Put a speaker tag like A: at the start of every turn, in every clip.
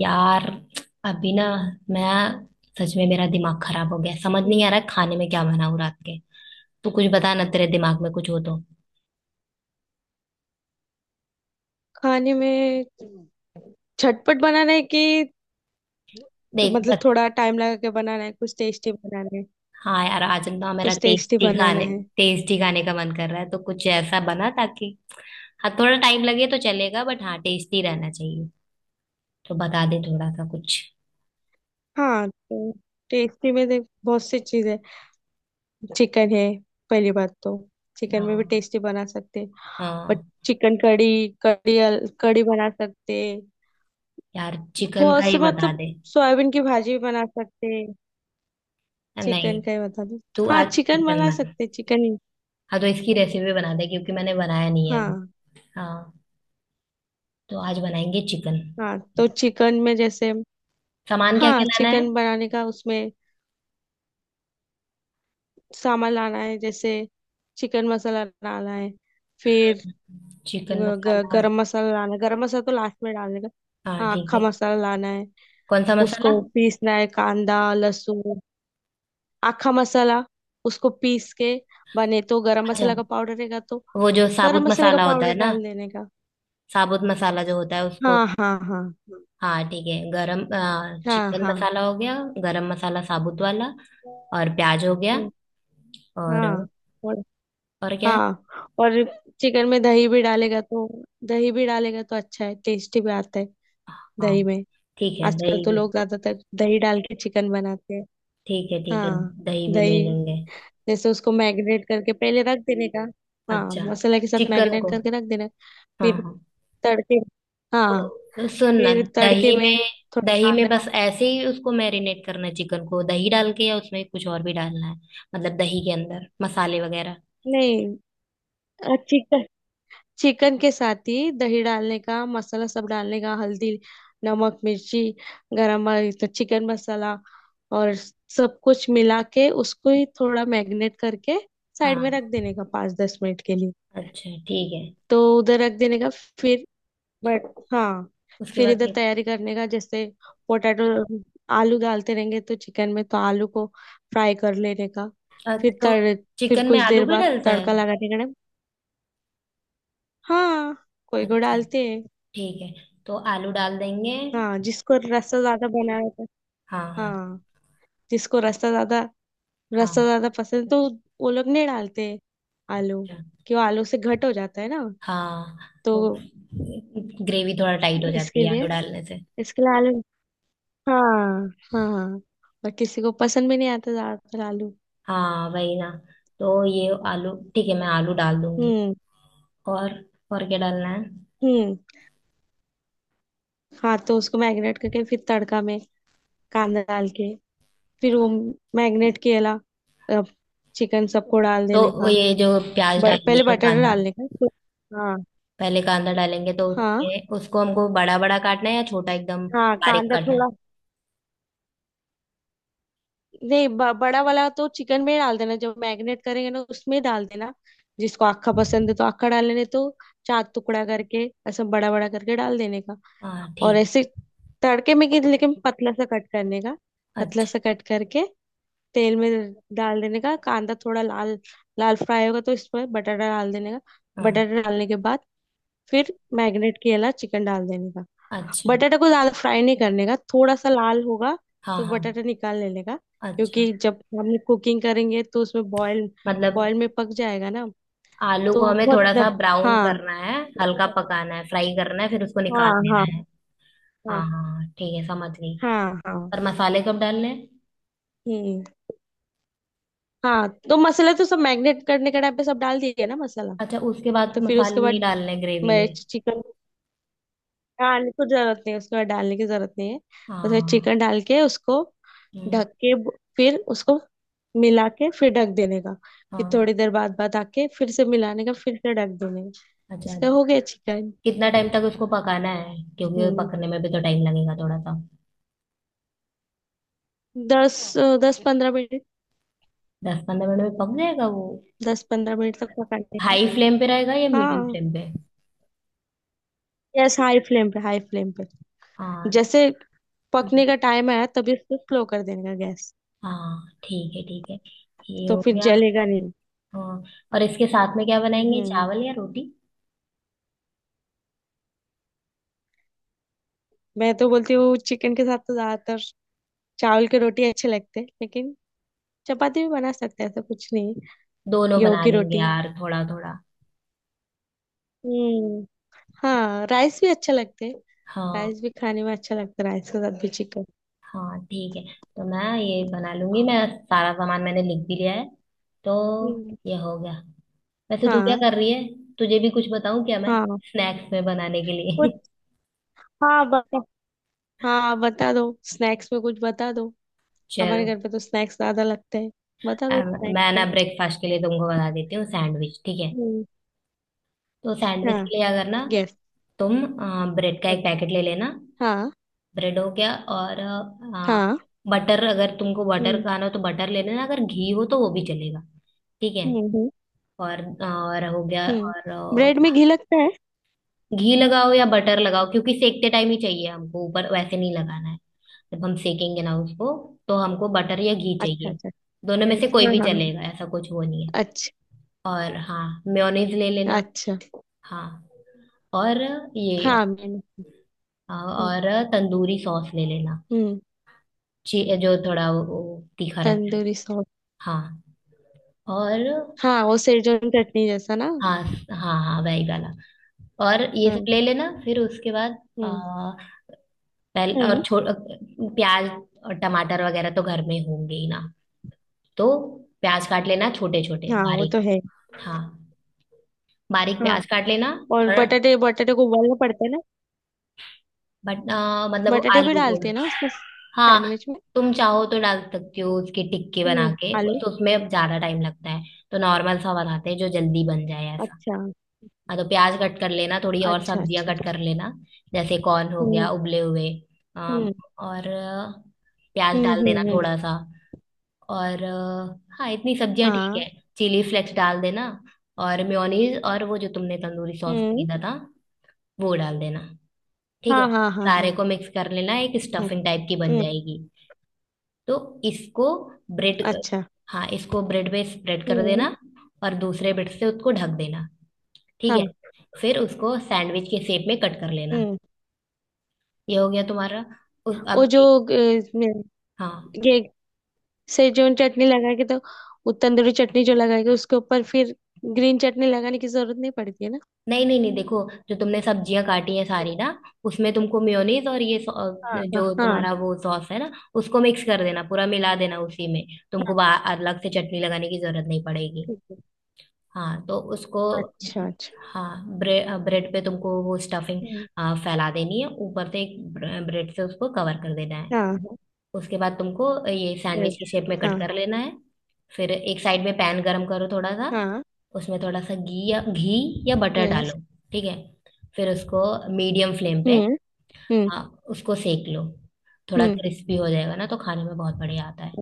A: यार, अभी ना, मैं सच में मेरा दिमाग खराब हो गया। समझ
B: हम्म।
A: नहीं आ रहा है खाने में क्या बनाऊं रात के। तू कुछ बता ना, तेरे दिमाग में कुछ हो तो।
B: खाने में झटपट बनाना है कि
A: देख,
B: मतलब
A: बस।
B: थोड़ा टाइम लगा के बनाना है, कुछ टेस्टी बनाना है।
A: हाँ यार, आज ना मेरा
B: कुछ टेस्टी बनाना है।
A: टेस्टी खाने का मन कर रहा है, तो कुछ ऐसा बना ताकि। हाँ, थोड़ा टाइम लगे तो चलेगा बट हाँ टेस्टी रहना चाहिए। तो बता दे थोड़ा सा कुछ।
B: हाँ तो टेस्टी में देख, बहुत सी चीजें। चिकन है। पहली बात तो चिकन में भी
A: हाँ
B: टेस्टी बना सकते हैं। बट
A: हाँ,
B: चिकन कड़ी कड़ी कड़ी बना सकते हैं।
A: यार चिकन का
B: बहुत
A: ही
B: से
A: बता
B: मतलब
A: दे।
B: सोयाबीन की भाजी भी बना सकते हैं।
A: नहीं,
B: चिकन का ही बता दो।
A: तू
B: हाँ,
A: आज
B: चिकन
A: चिकन
B: बना
A: बना।
B: सकते हैं, चिकन ही।
A: हाँ, तो इसकी रेसिपी बना दे क्योंकि मैंने बनाया नहीं है अभी।
B: हाँ।
A: हाँ, तो आज बनाएंगे चिकन।
B: हाँ तो चिकन में जैसे,
A: सामान क्या
B: हाँ,
A: क्या लाना है?
B: चिकन बनाने का। उसमें सामान लाना है, जैसे चिकन मसाला लाना है। फिर ग,
A: चिकन
B: ग,
A: मसाला।
B: गरम मसाला लाना है, गरम मसाला तो लास्ट में डालने का।
A: हाँ
B: हाँ,
A: ठीक
B: आखा
A: है।
B: मसाला लाना है।
A: कौन सा मसाला?
B: उसको पीसना है, कांदा लहसुन आखा मसाला उसको पीस के बने तो गरम
A: अच्छा,
B: मसाला का पाउडर रहेगा, तो
A: वो जो
B: गरम
A: साबुत
B: मसाले का
A: मसाला होता
B: पाउडर
A: है ना,
B: डाल देने का।
A: साबुत मसाला जो होता है उसको।
B: हाँ हाँ हाँ।
A: हाँ ठीक है। गरम
B: हाँ
A: चिकन
B: हाँ
A: मसाला हो गया, गरम मसाला साबुत वाला और प्याज हो गया,
B: हाँ।
A: और
B: हाँ
A: और क्या है?
B: हाँ। और चिकन में दही भी डालेगा तो, दही भी डालेगा तो अच्छा है, टेस्टी भी आता है
A: हाँ
B: दही में।
A: ठीक है
B: आजकल
A: दही
B: तो
A: भी।
B: लोग ज्यादातर दही डाल के चिकन बनाते हैं।
A: ठीक है ठीक है,
B: हाँ।
A: दही भी ले
B: दही
A: लेंगे।
B: जैसे उसको मैरिनेट करके पहले रख देने का। हाँ,
A: अच्छा,
B: मसाला के साथ
A: चिकन
B: मैरिनेट
A: को,
B: करके रख देना।
A: हाँ
B: फिर
A: हाँ
B: तड़के। हाँ।
A: तो सुनना।
B: फिर तड़के
A: दही
B: में
A: में
B: थोड़ा
A: दही में
B: कांदा।
A: बस ऐसे ही उसको मैरिनेट करना है चिकन को दही डाल के, या उसमें कुछ और भी डालना है? मतलब दही के अंदर मसाले वगैरह?
B: नहीं, चिकन, चिकन के साथ ही दही डालने का, मसाला सब डालने का, हल्दी, नमक, मिर्ची, गरम मसाला, चिकन मसाला, और सब कुछ मिला के उसको ही थोड़ा मैरिनेट करके साइड में
A: हाँ,
B: रख देने का, 5-10 मिनट के लिए।
A: अच्छा ठीक है।
B: तो उधर रख देने का। फिर, बट हाँ,
A: उसके
B: फिर
A: बाद
B: इधर
A: क्या?
B: तैयारी करने का, जैसे पोटैटो। आलू डालते रहेंगे तो चिकन में, तो आलू को फ्राई कर लेने का। फिर
A: तो
B: तड़ फिर
A: चिकन में
B: कुछ
A: आलू
B: देर
A: भी
B: बाद
A: डलता है?
B: तड़का लगाने का। हाँ, कोई को
A: अच्छा,
B: डालते हैं।
A: ठीक है, तो आलू डाल देंगे।
B: हाँ, जिसको रस्ता ज्यादा बना रहता है।
A: हाँ हाँ
B: हाँ, जिसको रस्ता ज्यादा,
A: हाँ,
B: रस्ता ज्यादा पसंद है, तो वो लोग नहीं डालते आलू।
A: अच्छा।
B: क्यों, आलू से घट हो जाता है ना।
A: हाँ
B: तो
A: वो ग्रेवी थोड़ा टाइट हो जाती
B: इसके
A: है आलू
B: लिए
A: डालने से।
B: इसके लिए आलू। हाँ हाँ हाँ, और किसी को पसंद भी नहीं आता ज्यादातर आलू।
A: हाँ वही ना, तो ये आलू ठीक है, मैं आलू डाल दूंगी।
B: हम्म।
A: और और क्या डालना है?
B: हम्म। हाँ तो उसको मैरिनेट करके फिर तड़का में कांदा डाल के फिर वो मैरिनेट किया चिकन सबको डाल
A: तो
B: देने
A: वो
B: का।
A: ये जो प्याज डाल
B: पहले
A: लिया
B: बटाटा
A: कांदा,
B: डालने का। हाँ
A: पहले कांदा डालेंगे तो
B: हाँ
A: उसमें उसको हमको बड़ा बड़ा काटना है या छोटा एकदम
B: हाँ,
A: बारीक
B: कांदा
A: काटना है?
B: थोड़ा। नहीं, बड़ा वाला तो चिकन में ही डाल देना, जब मैरिनेट करेंगे ना उसमें डाल देना। जिसको आखा पसंद है तो आखा डाल लेने तो, चार टुकड़ा करके ऐसा बड़ा बड़ा करके डाल देने का।
A: हाँ
B: और
A: ठीक।
B: ऐसे तड़के में कि लेकिन पतला सा कट करने का, पतला
A: अच्छा।
B: सा कट करके तेल में डाल देने का। कांदा थोड़ा लाल, लाल फ्राई होगा तो इसमें बटाटा डाल देने का।
A: हाँ।
B: बटाटा डालने के बाद फिर मैरिनेट किया चिकन डाल देने का।
A: अच्छा।
B: बटाटा को ज्यादा फ्राई नहीं करने का, थोड़ा सा लाल होगा
A: हाँ
B: तो
A: हाँ।
B: बटाटा निकाल लेने का।
A: अच्छा।
B: क्योंकि जब हम कुकिंग करेंगे तो उसमें बॉईल,
A: मतलब
B: बॉईल में पक जाएगा ना,
A: आलू को
B: तो
A: हमें
B: बहुत।
A: थोड़ा सा ब्राउन
B: हाँ
A: करना है, हल्का पकाना है, फ्राई करना है, फिर उसको
B: हाँ।
A: निकाल लेना
B: हाँ
A: है।
B: हाँ।
A: हाँ हाँ ठीक है, समझ गई।
B: हाँ हाँ।
A: पर मसाले कब डालने हैं?
B: हम्म। हाँ तो मसाला तो सब मैरिनेट करने के टाइम पे सब डाल दिया ना मसाला।
A: अच्छा, उसके बाद
B: तो फिर उसके
A: मसाले नहीं
B: बाद
A: डालने ग्रेवी
B: मैं
A: में?
B: चिकन, हाँ नहीं, कुछ जरूरत नहीं, उसको डालने की जरूरत नहीं है। उसमें
A: हाँ।
B: चिकन डाल के उसको
A: हम्म,
B: ढक के, फिर उसको मिला के फिर ढक देने का। फिर
A: हाँ।
B: थोड़ी देर बाद बाद आके फिर से मिलाने का, फिर से ढक देने का।
A: अच्छा,
B: इसका हो गया चिकन।
A: कितना टाइम तक उसको पकाना है, क्योंकि वो
B: हम्म।
A: पकने में भी तो टाइम लगेगा थोड़ा सा?
B: 10-15 मिनट।
A: 10-15 मिनट में पक जाएगा वो?
B: 10-15 मिनट तक पकाने का।
A: हाई फ्लेम पे रहेगा या मीडियम
B: हाँ,
A: फ्लेम पे?
B: गैस हाई फ्लेम पे, हाई फ्लेम पे।
A: हाँ।
B: जैसे
A: हम्म।
B: पकने का टाइम आया तभी उसको स्लो कर देने का गैस।
A: हाँ ठीक है ठीक है, ये
B: तो
A: हो
B: फिर
A: गया।
B: जलेगा नहीं।
A: हाँ, और इसके साथ में क्या बनाएंगे,
B: हम्म।
A: चावल या रोटी?
B: मैं तो बोलती हूँ चिकन के साथ तो ज्यादातर चावल की रोटी अच्छे लगते हैं, लेकिन चपाती भी बना सकते हैं, ऐसा कुछ नहीं है।
A: दोनों
B: गेहूं
A: बना
B: की
A: लेंगे
B: रोटी।
A: यार, थोड़ा थोड़ा।
B: हम्म। हाँ, राइस भी अच्छे लगते हैं।
A: हाँ
B: राइस भी खाने में अच्छा लगता है, राइस के साथ भी चिकन।
A: हाँ ठीक है, तो मैं ये बना लूंगी, मैं सारा सामान मैंने लिख भी लिया है, तो
B: हम्म।
A: ये हो गया। वैसे तू क्या
B: हाँ
A: कर रही है? तुझे भी कुछ बताऊं क्या मैं,
B: हाँ।
A: स्नैक्स में बनाने के लिए?
B: कुछ? हाँ बता। हाँ बता दो, स्नैक्स में कुछ बता दो। हमारे
A: चलो।
B: घर पे तो स्नैक्स ज्यादा लगते हैं। बता दो
A: अम,
B: स्नैक्स
A: मैं ना
B: में।
A: ब्रेकफास्ट के लिए तुमको बता देती हूँ, सैंडविच ठीक है?
B: हम्म।
A: तो सैंडविच
B: हाँ,
A: के लिए अगर ना,
B: गेस।
A: तुम ब्रेड का एक पैकेट ले लेना।
B: हाँ।
A: ब्रेड हो गया, और
B: हाँ।
A: बटर, अगर तुमको बटर
B: हम्म।
A: खाना हो तो बटर ले लेना, अगर घी हो तो वो भी चलेगा। ठीक है।
B: हम्म।
A: और हो गया
B: हम्म।
A: और
B: ब्रेड में घी लगता है?
A: घी लगाओ या बटर लगाओ, क्योंकि सेकते टाइम ही चाहिए हमको, ऊपर वैसे नहीं लगाना है। जब हम सेकेंगे ना उसको, तो हमको बटर या घी
B: अच्छा
A: चाहिए।
B: अच्छा।
A: दोनों में से
B: यस,
A: कोई
B: हाँ
A: भी
B: हाँ।
A: चलेगा, ऐसा कुछ वो नहीं है।
B: अच्छा।
A: और हाँ, मेयोनीज ले लेना।
B: अच्छा।
A: हाँ, और ये,
B: हाँ, मैंने।
A: हाँ, और तंदूरी सॉस ले लेना,
B: हम्म।
A: जो थोड़ा वो तीखा रहता है।
B: तंदूरी सॉस।
A: हाँ। और
B: हाँ, वो सेजवान चटनी जैसा ना।
A: हाँ हाँ हाँ, वही वाला। और ये सब
B: हाँ।
A: ले लेना, फिर उसके बाद
B: हम्म।
A: आ, पहले और
B: हम्म।
A: छो प्याज और टमाटर वगैरह तो घर में होंगे ही ना, तो प्याज काट लेना छोटे छोटे
B: हाँ, वो
A: बारीक।
B: तो है।
A: हाँ, बारीक
B: हाँ।
A: प्याज काट लेना।
B: और
A: थोड़ा,
B: बटाटे, बटाटे को उबालना पड़ता है ना?
A: बट मतलब वो
B: बटाटे भी
A: आलू को,
B: डालते हैं ना उसमें,
A: हाँ
B: सैंडविच में?
A: तुम चाहो तो डाल सकती हो उसकी टिक्की बना के,
B: हम्म, आलू।
A: बस उसमें अब ज्यादा टाइम लगता है, तो नॉर्मल सा बनाते हैं जो जल्दी बन जाए ऐसा।
B: अच्छा
A: हाँ तो प्याज कट कर लेना, थोड़ी और
B: अच्छा
A: सब्जियां
B: अच्छा।
A: कट
B: अच्छा।
A: कर लेना, जैसे कॉर्न हो गया
B: हम्म
A: उबले हुए। अम,
B: हम्म
A: और प्याज
B: हम्म।
A: डाल देना थोड़ा सा और हाँ, इतनी सब्जियां ठीक
B: हाँ।
A: है। चिली फ्लेक्स डाल देना। और मेयोनीज और वो जो तुमने तंदूरी सॉस
B: हम्म।
A: खरीदा था, वो डाल देना। ठीक
B: हाँ
A: है,
B: हाँ हाँ
A: सारे
B: हाँ।
A: को मिक्स कर लेना, एक
B: हाँ,
A: स्टफिंग टाइप की बन
B: हम्म।
A: जाएगी। तो इसको ब्रेड,
B: अच्छा।
A: हाँ इसको ब्रेड पे स्प्रेड कर देना
B: हम्म।
A: और दूसरे ब्रेड से उसको ढक देना। ठीक है,
B: हाँ।
A: फिर उसको सैंडविच के शेप में कट कर लेना।
B: हम्म।
A: ये हो गया तुम्हारा। उस
B: वो
A: अब,
B: जो
A: हाँ,
B: सेजोन चटनी लगा के तो, वो तंदूरी चटनी जो लगा के उसके ऊपर फिर ग्रीन चटनी लगाने की जरूरत नहीं पड़ती है ना?
A: नहीं नहीं नहीं, देखो, जो तुमने सब्जियां काटी हैं सारी ना, उसमें तुमको मेयोनीज और ये
B: हाँ हाँ
A: जो
B: हाँ
A: तुम्हारा वो सॉस है ना, उसको मिक्स कर देना पूरा, मिला देना उसी में। तुमको
B: हाँ,
A: अलग से चटनी लगाने की जरूरत नहीं पड़ेगी।
B: ठीक है।
A: हाँ, तो उसको,
B: अच्छा अच्छा।
A: हाँ ब्रेड ब्रेड पे तुमको वो स्टफिंग
B: हम्म,
A: फैला देनी है, ऊपर से एक ब्रेड से उसको कवर कर देना है।
B: हाँ हाँ।
A: उसके बाद तुमको ये सैंडविच
B: यस।
A: की शेप में
B: हाँ
A: कट कर लेना है। फिर एक साइड में पैन गरम करो थोड़ा सा,
B: हाँ।
A: उसमें थोड़ा सा घी, या घी या बटर
B: यस।
A: डालो। ठीक है, फिर उसको मीडियम फ्लेम पे,
B: हम्म। हम्म।
A: हाँ उसको सेक लो, थोड़ा
B: हम्म।
A: क्रिस्पी हो जाएगा ना, तो खाने में बहुत बढ़िया आता है।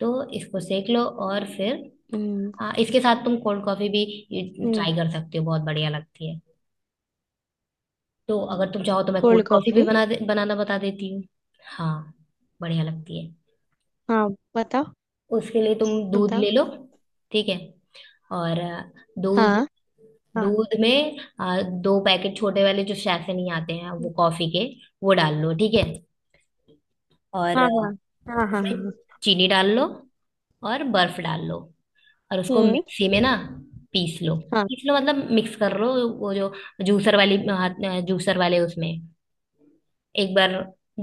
A: तो इसको सेक लो और फिर
B: हम्म।
A: हाँ, इसके साथ तुम कोल्ड कॉफी भी
B: हम्म।
A: ट्राई कर सकते हो, बहुत बढ़िया लगती है। तो अगर तुम चाहो तो मैं कोल्ड
B: कोल्ड
A: कॉफी भी
B: कॉफी?
A: बनाना बता देती हूँ। हाँ, बढ़िया लगती है।
B: हाँ। बताओ,
A: उसके लिए तुम दूध
B: बताओ।
A: ले लो। ठीक है, और दूध,
B: हाँ। हाँ।
A: दूध में 2 पैकेट छोटे वाले जो सैफे नहीं आते हैं वो
B: हम्म,
A: कॉफी के, वो डाल लो। ठीक है, और
B: हाँ हाँ हाँ। हाँ
A: उसमें
B: हाँ।
A: चीनी डाल लो और बर्फ डाल लो, और उसको
B: हम्म।
A: मिक्सी में ना पीस लो,
B: हाँ
A: पीस लो मतलब मिक्स कर लो। वो जो जूसर वाली, हाथ जूसर वाले उसमें एक बार,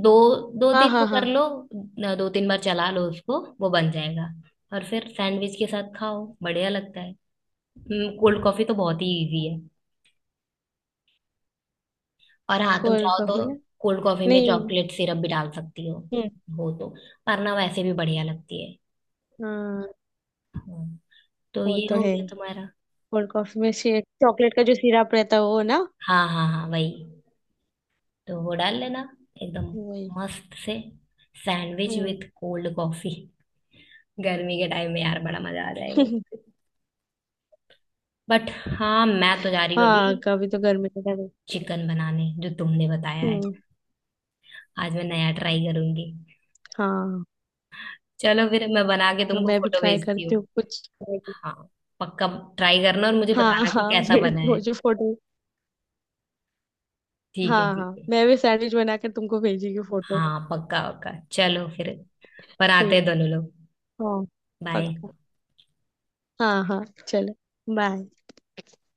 A: दो दो
B: हाँ
A: तीन को
B: हाँ हाँ।
A: कर लो, 2-3 बार चला लो उसको, वो बन जाएगा। और फिर सैंडविच के साथ खाओ, बढ़िया लगता है। कोल्ड कॉफी तो बहुत ही इजी है। और हाँ तुम
B: कोल्ड
A: चाहो
B: कॉफी
A: तो
B: ना?
A: कोल्ड कॉफी में
B: नहीं।
A: चॉकलेट सिरप भी डाल सकती हो
B: हम्म।
A: हो तो, वरना वैसे भी बढ़िया लगती है।
B: हाँ,
A: हम्म। तो
B: वो
A: ये
B: तो
A: हो
B: है।
A: गया तुम्हारा।
B: कोल्ड कॉफी में से चॉकलेट का जो सिरप रहता है वो ना।
A: हाँ हाँ हाँ वही, तो वो डाल लेना एकदम
B: वही।
A: मस्त से। सैंडविच
B: हम्म।
A: विथ कोल्ड कॉफी, गर्मी के टाइम में यार बड़ा मजा आ जाएगा। बट हाँ, मैं तो जा रही हूँ अभी
B: हाँ, कभी तो गर्मी का टाइम।
A: चिकन बनाने जो तुमने बताया है,
B: हम्म।
A: आज मैं नया ट्राई करूंगी।
B: हाँ
A: चलो फिर मैं बना के
B: तो
A: तुमको
B: मैं भी
A: फोटो
B: ट्राई
A: भेजती हूँ।
B: करती हूँ कुछ।
A: हाँ पक्का, ट्राई करना और मुझे
B: हाँ
A: बताना कि
B: हाँ,
A: कैसा
B: भेज
A: बना है।
B: दो जो फोटो।
A: ठीक है
B: हाँ
A: ठीक
B: हाँ,
A: है।
B: मैं भी सैंडविच बनाकर तुमको भेजेगी फोटो।
A: हाँ पक्का पक्का, चलो फिर, बनाते हैं
B: ठीक है।
A: दोनों लोग।
B: हाँ पक्का।
A: बाय।
B: हाँ हाँ चलो। बाय।